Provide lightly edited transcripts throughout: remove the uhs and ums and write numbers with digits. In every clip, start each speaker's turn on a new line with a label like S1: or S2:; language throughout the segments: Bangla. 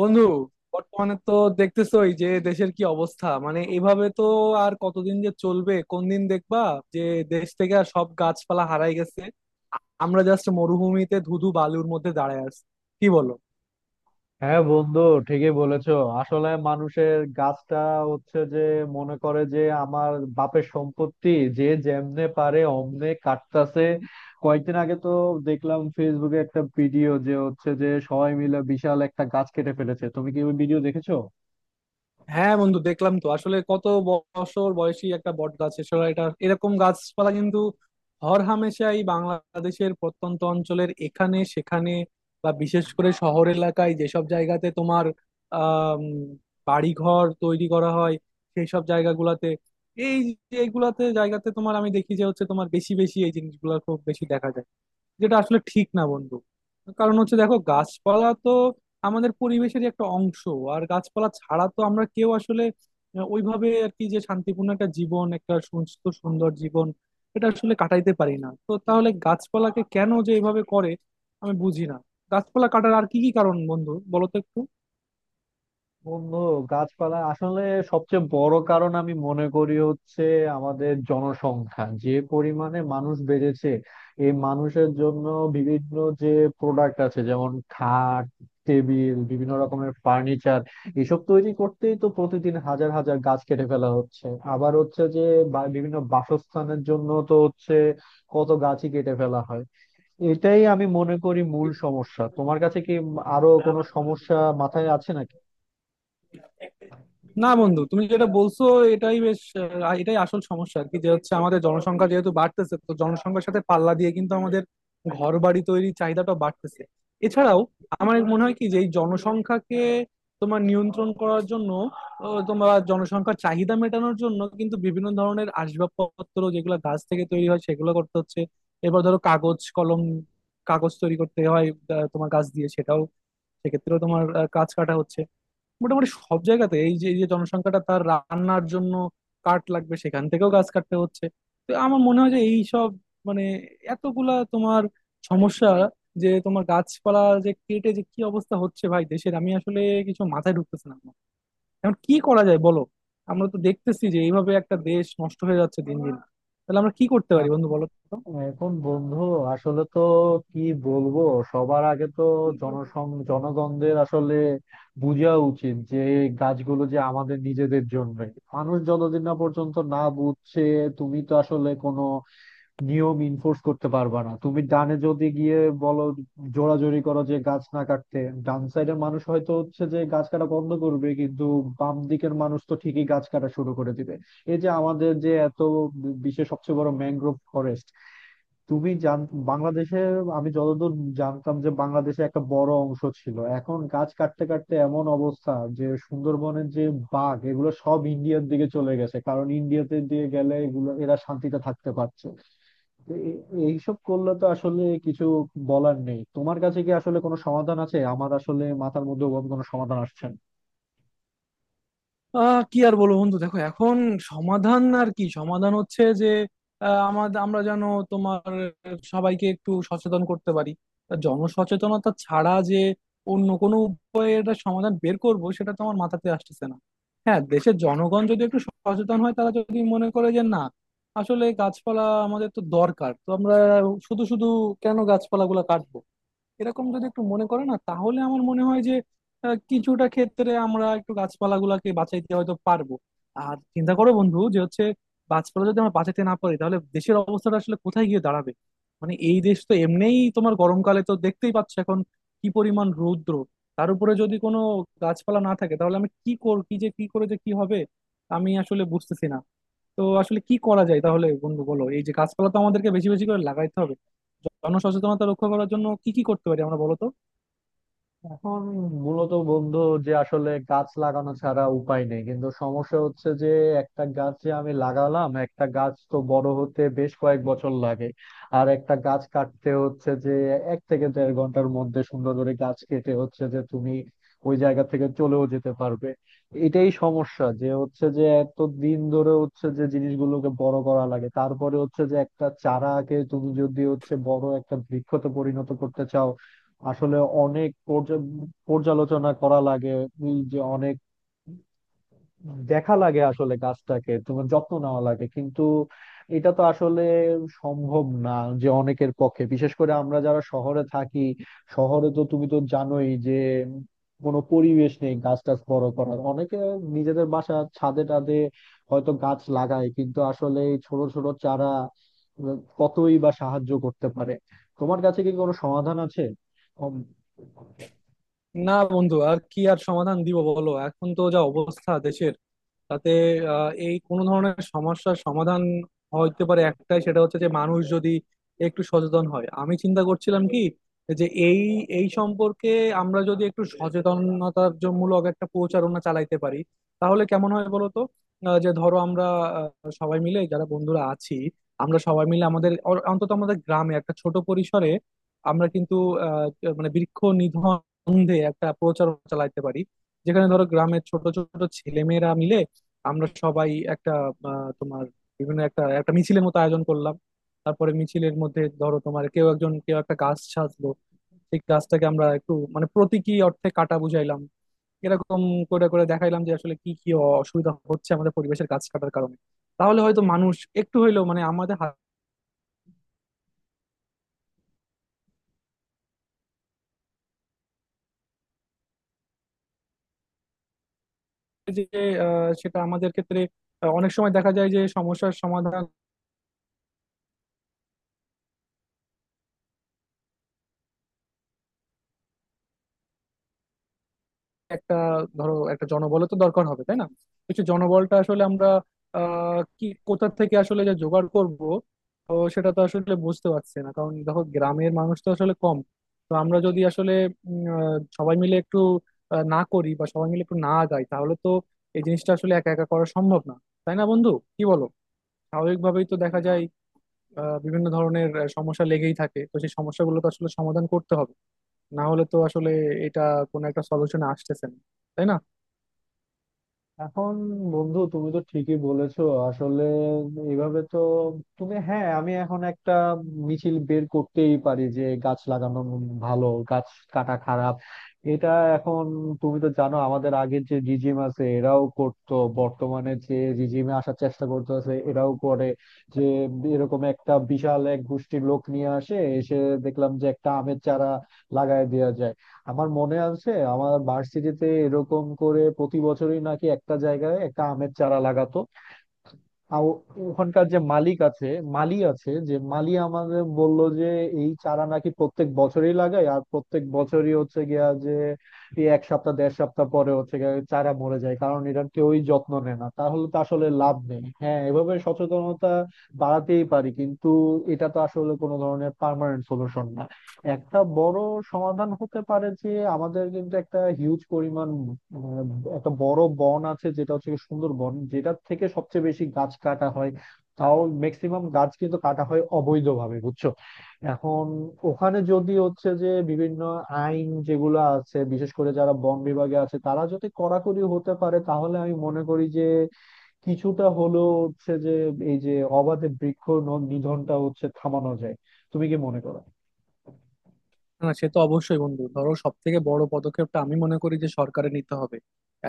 S1: বন্ধু, বর্তমানে তো দেখতেছোই যে দেশের কি অবস্থা। মানে এভাবে তো আর কতদিন যে চলবে, কোন দিন দেখবা যে দেশ থেকে আর সব গাছপালা হারাই গেছে, আমরা জাস্ট মরুভূমিতে ধুধু বালুর মধ্যে দাঁড়ায় আছি। কি বলো?
S2: হ্যাঁ বন্ধু, ঠিকই বলেছো। আসলে মানুষের গাছটা হচ্ছে যে, মনে করে যে আমার বাপের সম্পত্তি, যে যেমনে পারে অমনে কাটতাছে। কয়েকদিন আগে তো দেখলাম ফেসবুকে একটা ভিডিও যে হচ্ছে যে সবাই মিলে বিশাল একটা গাছ কেটে ফেলেছে। তুমি কি ওই ভিডিও দেখেছো?
S1: হ্যাঁ বন্ধু, দেখলাম তো। আসলে কত বছর বয়সী একটা বট গাছ। এছাড়া এটা এরকম গাছপালা কিন্তু হরহামেশাই বাংলাদেশের প্রত্যন্ত অঞ্চলের এখানে সেখানে, বা বিশেষ করে শহর এলাকায় যেসব জায়গাতে তোমার আহ বাড়িঘর তৈরি করা হয় সেই সব জায়গাগুলাতে, এই এইগুলাতে জায়গাতে তোমার আমি দেখি যে হচ্ছে তোমার বেশি বেশি এই জিনিসগুলো খুব বেশি দেখা যায়। যেটা আসলে ঠিক না বন্ধু। কারণ হচ্ছে দেখো, গাছপালা তো আমাদের পরিবেশের একটা অংশ, আর গাছপালা ছাড়া তো আমরা কেউ আসলে ওইভাবে আর কি, যে শান্তিপূর্ণ একটা জীবন, একটা সুস্থ সুন্দর জীবন এটা আসলে কাটাইতে পারি না। তো তাহলে গাছপালাকে কেন যে এইভাবে করে আমি বুঝি না। গাছপালা কাটার আর কি কি কারণ বন্ধু বলো তো?
S2: বন্ধু, গাছপালা আসলে সবচেয়ে বড় কারণ আমি মনে করি হচ্ছে আমাদের জনসংখ্যা, যে পরিমাণে মানুষ বেড়েছে। এই মানুষের জন্য বিভিন্ন যে প্রোডাক্ট আছে, যেমন খাট, টেবিল, বিভিন্ন রকমের ফার্নিচার, এসব তৈরি করতেই তো প্রতিদিন হাজার হাজার গাছ কেটে ফেলা হচ্ছে। আবার হচ্ছে যে বিভিন্ন বাসস্থানের জন্য তো হচ্ছে কত গাছই কেটে ফেলা হয়। এটাই আমি মনে করি মূল সমস্যা। তোমার কাছে কি আরো কোনো
S1: একটু
S2: সমস্যা মাথায় আছে নাকি?
S1: না বন্ধু, তুমি যেটা বলছো এটাই বেশ, এটাই আসল সমস্যা আর কি। যে হচ্ছে আমাদের জনসংখ্যা যেহেতু বাড়তেছে, তো জনসংখ্যার সাথে পাল্লা দিয়ে কিন্তু আমাদের ঘর বাড়ি তৈরির চাহিদাটা বাড়তেছে। এছাড়াও আমার মনে হয় কি, যে এই জনসংখ্যাকে তোমার নিয়ন্ত্রণ করার জন্য, তোমার জনসংখ্যার চাহিদা মেটানোর জন্য কিন্তু বিভিন্ন ধরনের আসবাবপত্র যেগুলো গাছ থেকে তৈরি হয় সেগুলো করতে হচ্ছে। এবার ধরো কাগজ কলম, কাগজ তৈরি করতে হয় তোমার গাছ দিয়ে। সেটাও সেক্ষেত্রেও তোমার গাছ কাটা হচ্ছে। মোটামুটি সব জায়গাতে এই যে জনসংখ্যাটা তার রান্নার জন্য কাঠ লাগবে, সেখান থেকেও গাছ কাটতে হচ্ছে। তো আমার মনে হয় যে এই সব, মানে এতগুলা তোমার সমস্যা, যে তোমার গাছপালা যে কেটে যে কি অবস্থা হচ্ছে ভাই দেশের, আমি আসলে কিছু মাথায় ঢুকতেছে না আমার। এখন কি করা যায় বলো? আমরা তো দেখতেছি যে এইভাবে একটা দেশ নষ্ট হয়ে যাচ্ছে দিন দিন। তাহলে আমরা কি করতে পারি বন্ধু বলো তো?
S2: এখন বন্ধু, আসলে তো কি বলবো, সবার আগে তো জনগণদের আসলে বোঝা উচিত যে গাছগুলো যে আমাদের নিজেদের জন্য। মানুষ যতদিন না পর্যন্ত না বুঝছে, তুমি তো আসলে কোনো নিয়ম ইনফোর্স করতে পারবা না। তুমি ডানে যদি গিয়ে বলো, জোরাজোরি করো যে গাছ না কাটতে, ডান সাইডের মানুষ হয়তো হচ্ছে যে গাছ কাটা বন্ধ করবে, কিন্তু বাম দিকের মানুষ তো ঠিকই গাছ কাটা শুরু করে দিবে। এই যে আমাদের যে এত বিশ্বের সবচেয়ে বড় ম্যানগ্রোভ ফরেস্ট, তুমি জান, বাংলাদেশে আমি যতদূর জানতাম যে বাংলাদেশে একটা বড় অংশ ছিল, এখন গাছ কাটতে কাটতে এমন অবস্থা যে সুন্দরবনের যে বাঘ এগুলো সব ইন্ডিয়ার দিকে চলে গেছে, কারণ ইন্ডিয়াতে দিয়ে গেলে এগুলো এরা শান্তিতে থাকতে পারছে। তো এইসব করলে তো আসলে কিছু বলার নেই। তোমার কাছে কি আসলে কোনো সমাধান আছে? আমার আসলে মাথার মধ্যে ওরকম কোনো সমাধান আসছে না।
S1: কি আর বলবো বন্ধু, দেখো এখন সমাধান আর কি। সমাধান হচ্ছে যে আমাদের আমরা যেন তোমার সবাইকে একটু সচেতন করতে পারি। তা জনসচেতনতা ছাড়া যে অন্য কোনো উপায়ে এটা সমাধান বের করব সেটা তো আমার মাথাতে আসতেছে না। হ্যাঁ, দেশের জনগণ যদি একটু সচেতন হয়, তারা যদি মনে করে যে না আসলে গাছপালা আমাদের তো দরকার, তো আমরা শুধু শুধু কেন গাছপালাগুলো কাটবো, এরকম যদি একটু মনে করে না, তাহলে আমার মনে হয় যে কিছুটা ক্ষেত্রে আমরা একটু গাছপালাগুলোকে বাঁচাইতে হয়তো পারবো। আর চিন্তা করো বন্ধু, যে হচ্ছে গাছপালা যদি আমরা বাঁচাতে না পারি তাহলে দেশের অবস্থাটা আসলে কোথায় গিয়ে দাঁড়াবে। মানে এই দেশ তো এমনিই তোমার গরমকালে তো দেখতেই পাচ্ছ এখন কি পরিমাণ রৌদ্র। তার উপরে যদি কোনো গাছপালা না থাকে তাহলে আমি কি কর কি যে কি করে যে কি হবে আমি আসলে বুঝতেছি না। তো আসলে কি করা যায় তাহলে বন্ধু বলো? এই যে গাছপালা তো আমাদেরকে বেশি বেশি করে লাগাইতে হবে, জনসচেতনতা রক্ষা করার জন্য কি কি করতে পারি আমরা বলতো?
S2: এখন মূলত বন্ধু, যে আসলে গাছ লাগানো ছাড়া উপায় নেই, কিন্তু সমস্যা হচ্ছে যে একটা গাছ যে আমি লাগালাম, একটা গাছ তো বড় হতে বেশ কয়েক বছর লাগে। আর একটা গাছ কাটতে হচ্ছে যে এক থেকে দেড় ঘন্টার মধ্যে সুন্দর করে গাছ কেটে হচ্ছে যে তুমি ওই জায়গা থেকে চলেও যেতে পারবে। এটাই সমস্যা যে হচ্ছে যে এত দিন ধরে হচ্ছে যে জিনিসগুলোকে বড় করা লাগে, তারপরে হচ্ছে যে একটা চারাকে তুমি যদি হচ্ছে বড় একটা বৃক্ষতে পরিণত করতে চাও, আসলে অনেক পর্যালোচনা করা লাগে। এই যে অনেক দেখা লাগে, আসলে গাছটাকে তোমার যত্ন নেওয়া লাগে, কিন্তু এটা তো আসলে সম্ভব না যে অনেকের পক্ষে, বিশেষ করে আমরা যারা শহরে থাকি। শহরে তো তুমি তো জানোই যে কোনো পরিবেশ নেই গাছ টাছ বড় করার। অনেকে নিজেদের বাসা ছাদে টাদে হয়তো গাছ লাগায়, কিন্তু আসলে এই ছোট ছোট চারা কতই বা সাহায্য করতে পারে। তোমার কাছে কি কোনো সমাধান আছে?
S1: না বন্ধু আর কি আর সমাধান দিব বলো, এখন তো যা অবস্থা দেশের, তাতে এই কোনো ধরনের সমস্যার সমাধান হইতে পারে একটাই, সেটা হচ্ছে যে মানুষ যদি একটু সচেতন হয়। আমি চিন্তা করছিলাম কি, যে এই এই সম্পর্কে আমরা যদি একটু সচেতনতার মূলক একটা প্রচারণা চালাইতে পারি তাহলে কেমন হয় বলতো? যে ধরো আমরা সবাই মিলে যারা বন্ধুরা আছি, আমরা সবাই মিলে আমাদের অন্তত আমাদের গ্রামে একটা ছোট পরিসরে আমরা কিন্তু আহ, মানে বৃক্ষ নিধন বন্ধে একটা প্রচারণা চালাইতে পারি, যেখানে ধরো গ্রামের ছোট ছোট ছেলেমেয়েরা আমরা সবাই একটা তোমার বিভিন্ন একটা একটা মিছিলের মতো আয়োজন করলাম। তারপরে মিছিলের মধ্যে ধরো তোমার কেউ একজন কেউ একটা গাছ সাজলো, সেই গাছটাকে আমরা একটু মানে প্রতীকী অর্থে কাটা বুঝাইলাম। এরকম করে করে দেখাইলাম যে আসলে কি কি অসুবিধা হচ্ছে আমাদের পরিবেশের গাছ কাটার কারণে, তাহলে হয়তো মানুষ একটু হইলেও মানে আমাদের হাতে যে সেটা আমাদের ক্ষেত্রে অনেক সময় দেখা যায় যে সমস্যার সমাধান একটা, ধরো একটা জনবল তো দরকার হবে তাই না। কিছু জনবলটা আসলে আমরা কি কোথা থেকে আসলে যে জোগাড় করব, তো সেটা তো আসলে বুঝতে পারছি না, কারণ দেখো গ্রামের মানুষ তো আসলে কম। তো আমরা যদি আসলে সবাই মিলে একটু না করি বা সবাই মিলে একটু না গাই, তাহলে তো এই জিনিসটা আসলে একা একা করা সম্ভব না, তাই না বন্ধু? কি বলো? স্বাভাবিকভাবেই তো দেখা যায় বিভিন্ন ধরনের সমস্যা লেগেই থাকে, তো সেই সমস্যাগুলো তো আসলে সমাধান করতে হবে, না হলে তো আসলে এটা কোনো একটা সলিউশনে আসতেছে না, তাই না?
S2: এখন বন্ধু, তুমি তো ঠিকই বলেছো। আসলে এইভাবে তো তুমি, হ্যাঁ, আমি এখন একটা মিছিল বের করতেই পারি যে গাছ লাগানো ভালো, গাছ কাটা খারাপ। এটা এখন তুমি তো জানো, আমাদের আগের যে রিজিম আছে এরাও করতো, বর্তমানে যে রিজিমে আসার চেষ্টা করতেছে এরাও করে যে এরকম একটা বিশাল এক গোষ্ঠীর লোক নিয়ে আসে, এসে দেখলাম যে একটা আমের চারা লাগায় দেওয়া যায়। আমার মনে আছে আমার ভার্সিটিতে এরকম করে প্রতি বছরই নাকি একটা জায়গায় একটা আমের চারা লাগাতো। আর ওখানকার যে মালিক আছে, মালি আছে, যে মালি আমাদের বলল যে এই চারা নাকি প্রত্যেক বছরই লাগায়, আর প্রত্যেক বছরই হচ্ছে গিয়া যে এই এক সপ্তাহ দেড় সপ্তাহ পরে হচ্ছে গিয়া চারা মরে যায়, কারণ এটার কেউই যত্ন নেয় না। তাহলে তো আসলে লাভ নেই। হ্যাঁ, এভাবে সচেতনতা বাড়াতেই পারি, কিন্তু এটা তো আসলে কোনো ধরনের পার্মানেন্ট সলিউশন না। একটা বড় সমাধান হতে পারে যে আমাদের কিন্তু একটা হিউজ পরিমাণ উম, একটা বড় বন আছে, যেটা হচ্ছে গিয়ে সুন্দরবন, যেটার থেকে সবচেয়ে বেশি গাছ কাটা হয়। তাও ম্যাক্সিমাম গাছ কিন্তু কাটা হয় অবৈধভাবে, বুঝছো। এখন ওখানে যদি হচ্ছে যে বিভিন্ন আইন যেগুলো আছে, বিশেষ করে যারা বন বিভাগে আছে তারা যদি কড়াকড়ি হতে পারে, তাহলে আমি মনে করি যে কিছুটা হলেও হচ্ছে যে এই যে অবাধে বৃক্ষ নিধনটা হচ্ছে থামানো যায়। তুমি কি মনে করো?
S1: না সে তো অবশ্যই বন্ধু, ধরো সব থেকে বড় পদক্ষেপটা আমি মনে করি যে সরকারে নিতে হবে।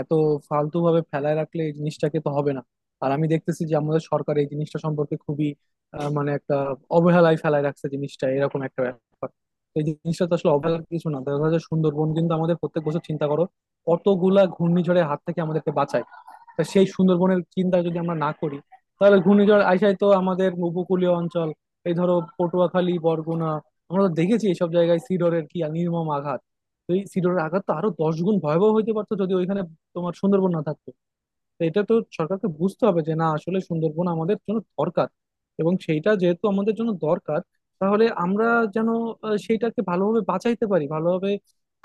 S1: এত ফালতু ভাবে ফেলায় রাখলে এই জিনিসটাকে তো হবে না। আর আমি দেখতেছি যে আমাদের সরকার এই জিনিসটা সম্পর্কে খুবই মানে একটা অবহেলায় ফেলায় রাখছে জিনিসটা, এরকম একটা ব্যাপার। তো এই জিনিসটা তো আসলে অবহেলার কিছু না, দেখা যাচ্ছে সুন্দরবন কিন্তু আমাদের প্রত্যেক বছর চিন্তা করো কতগুলা ঘূর্ণিঝড়ের হাত থেকে আমাদেরকে বাঁচায়। তা সেই সুন্দরবনের চিন্তা যদি আমরা না করি, তাহলে ঘূর্ণিঝড় আইসায় তো আমাদের উপকূলীয় অঞ্চল, এই ধরো পটুয়াখালী, বরগুনা, আমরা তো দেখেছি এইসব জায়গায় সিডরের কি আর নির্মম আঘাত। তো এই সিডরের আঘাত তো আরো দশ গুণ ভয়াবহ হইতে পারতো যদি ওইখানে তোমার সুন্দরবন না থাকতো। তো এটা তো সরকারকে বুঝতে হবে যে না, আসলে সুন্দরবন আমাদের জন্য দরকার, এবং সেইটা যেহেতু আমাদের জন্য দরকার, তাহলে আমরা যেন সেইটাকে ভালোভাবে বাঁচাইতে পারি, ভালোভাবে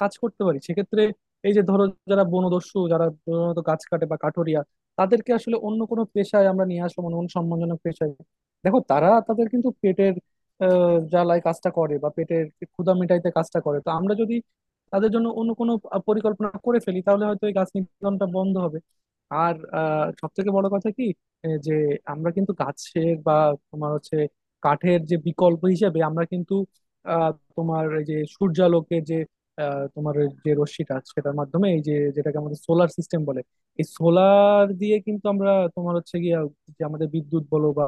S1: কাজ করতে পারি। সেক্ষেত্রে এই যে ধরো যারা বনদস্যু, যারা প্রধানত গাছ কাটে বা কাঠোরিয়া, তাদেরকে আসলে অন্য কোনো পেশায় আমরা নিয়ে আসবো, মানে অন্য সম্মানজনক পেশায়। দেখো তারা তাদের কিন্তু পেটের জ্বালায় কাজটা করে, বা পেটের ক্ষুধা মেটাইতে কাজটা করে। তো আমরা যদি তাদের জন্য অন্য কোনো পরিকল্পনা করে ফেলি তাহলে হয়তো এই গাছ নিধনটা বন্ধ হবে। আর সব থেকে বড় কথা কি, যে আমরা কিন্তু গাছের বা তোমার হচ্ছে কাঠের যে বিকল্প হিসেবে আমরা কিন্তু আহ, তোমার এই যে সূর্যালোকের যে তোমার ওই যে রশ্মিটা, সেটার মাধ্যমে এই যে যেটাকে আমাদের সোলার সিস্টেম বলে, এই সোলার দিয়ে কিন্তু আমরা তোমার হচ্ছে গিয়ে যে আমাদের বিদ্যুৎ বলো বা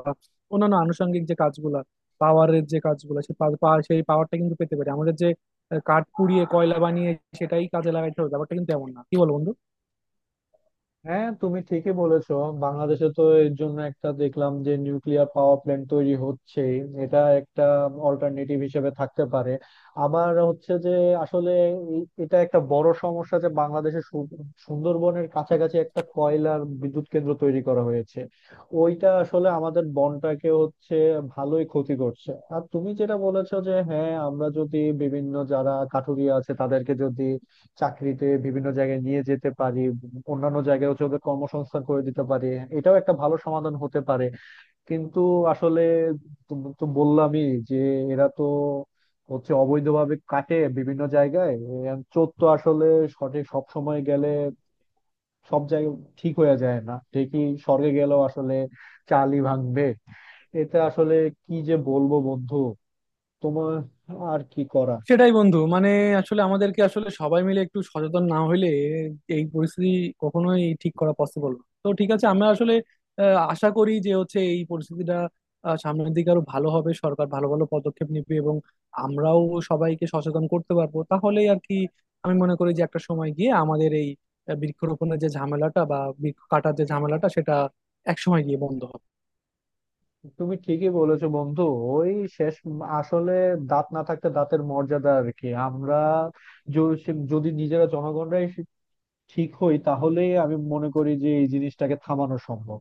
S1: অন্যান্য আনুষঙ্গিক যে কাজগুলা, পাওয়ারের যে কাজগুলো, সেই পা- পা- সেই পাওয়ারটা কিন্তু পেতে পারি। আমাদের যে কাঠ পুড়িয়ে কয়লা বানিয়ে সেটাই কাজে লাগাইতে হবে ব্যাপারটা কিন্তু এমন না। কি বল বন্ধু?
S2: হ্যাঁ, তুমি ঠিকই বলেছো। বাংলাদেশে তো এর জন্য একটা দেখলাম যে নিউক্লিয়ার পাওয়ার প্ল্যান্ট তৈরি হচ্ছে। এটা একটা অল্টারনেটিভ হিসেবে থাকতে পারে। আমার হচ্ছে যে আসলে এটা একটা বড় সমস্যা যে বাংলাদেশে সুন্দরবনের কাছাকাছি একটা কয়লার বিদ্যুৎ কেন্দ্র তৈরি করা হয়েছে। ওইটা আসলে আমাদের বনটাকে হচ্ছে ভালোই ক্ষতি করছে। আর তুমি যেটা বলেছো যে হ্যাঁ, আমরা যদি বিভিন্ন যারা কাঠুরিয়া আছে তাদেরকে যদি চাকরিতে বিভিন্ন জায়গায় নিয়ে যেতে পারি, অন্যান্য জায়গায় হচ্ছে ওদের কর্মসংস্থান করে দিতে পারি, এটাও একটা ভালো সমাধান হতে পারে। কিন্তু আসলে তো, বললামই যে এরা তো হচ্ছে অবৈধভাবে কাটে বিভিন্ন জায়গায়। এর চোর তো আসলে সঠিক সব সময় গেলে সব জায়গায় ঠিক হয়ে যায় না, ঠিকই স্বর্গে গেলেও আসলে চালই ভাঙবে। এতে আসলে কি যে বলবো বন্ধু, তোমার আর কি করা।
S1: সেটাই বন্ধু, মানে আসলে আমাদেরকে আসলে সবাই মিলে একটু সচেতন না হইলে এই পরিস্থিতি কখনোই ঠিক করা পসিবল না। তো ঠিক আছে, আমরা আসলে আশা করি যে হচ্ছে এই পরিস্থিতিটা সামনের দিকে আরো ভালো হবে, সরকার ভালো ভালো পদক্ষেপ নেবে, এবং আমরাও সবাইকে সচেতন করতে পারবো, তাহলেই আর কি। আমি মনে করি যে একটা সময় গিয়ে আমাদের এই বৃক্ষরোপণের যে ঝামেলাটা বা বৃক্ষ কাটার যে ঝামেলাটা সেটা এক সময় গিয়ে বন্ধ হবে।
S2: তুমি ঠিকই বলেছো বন্ধু। ওই শেষ আসলে দাঁত না থাকতে দাঁতের মর্যাদা আর কি। আমরা যদি নিজেরা জনগণরাই ঠিক হই, তাহলেই আমি মনে করি যে এই জিনিসটাকে থামানো সম্ভব।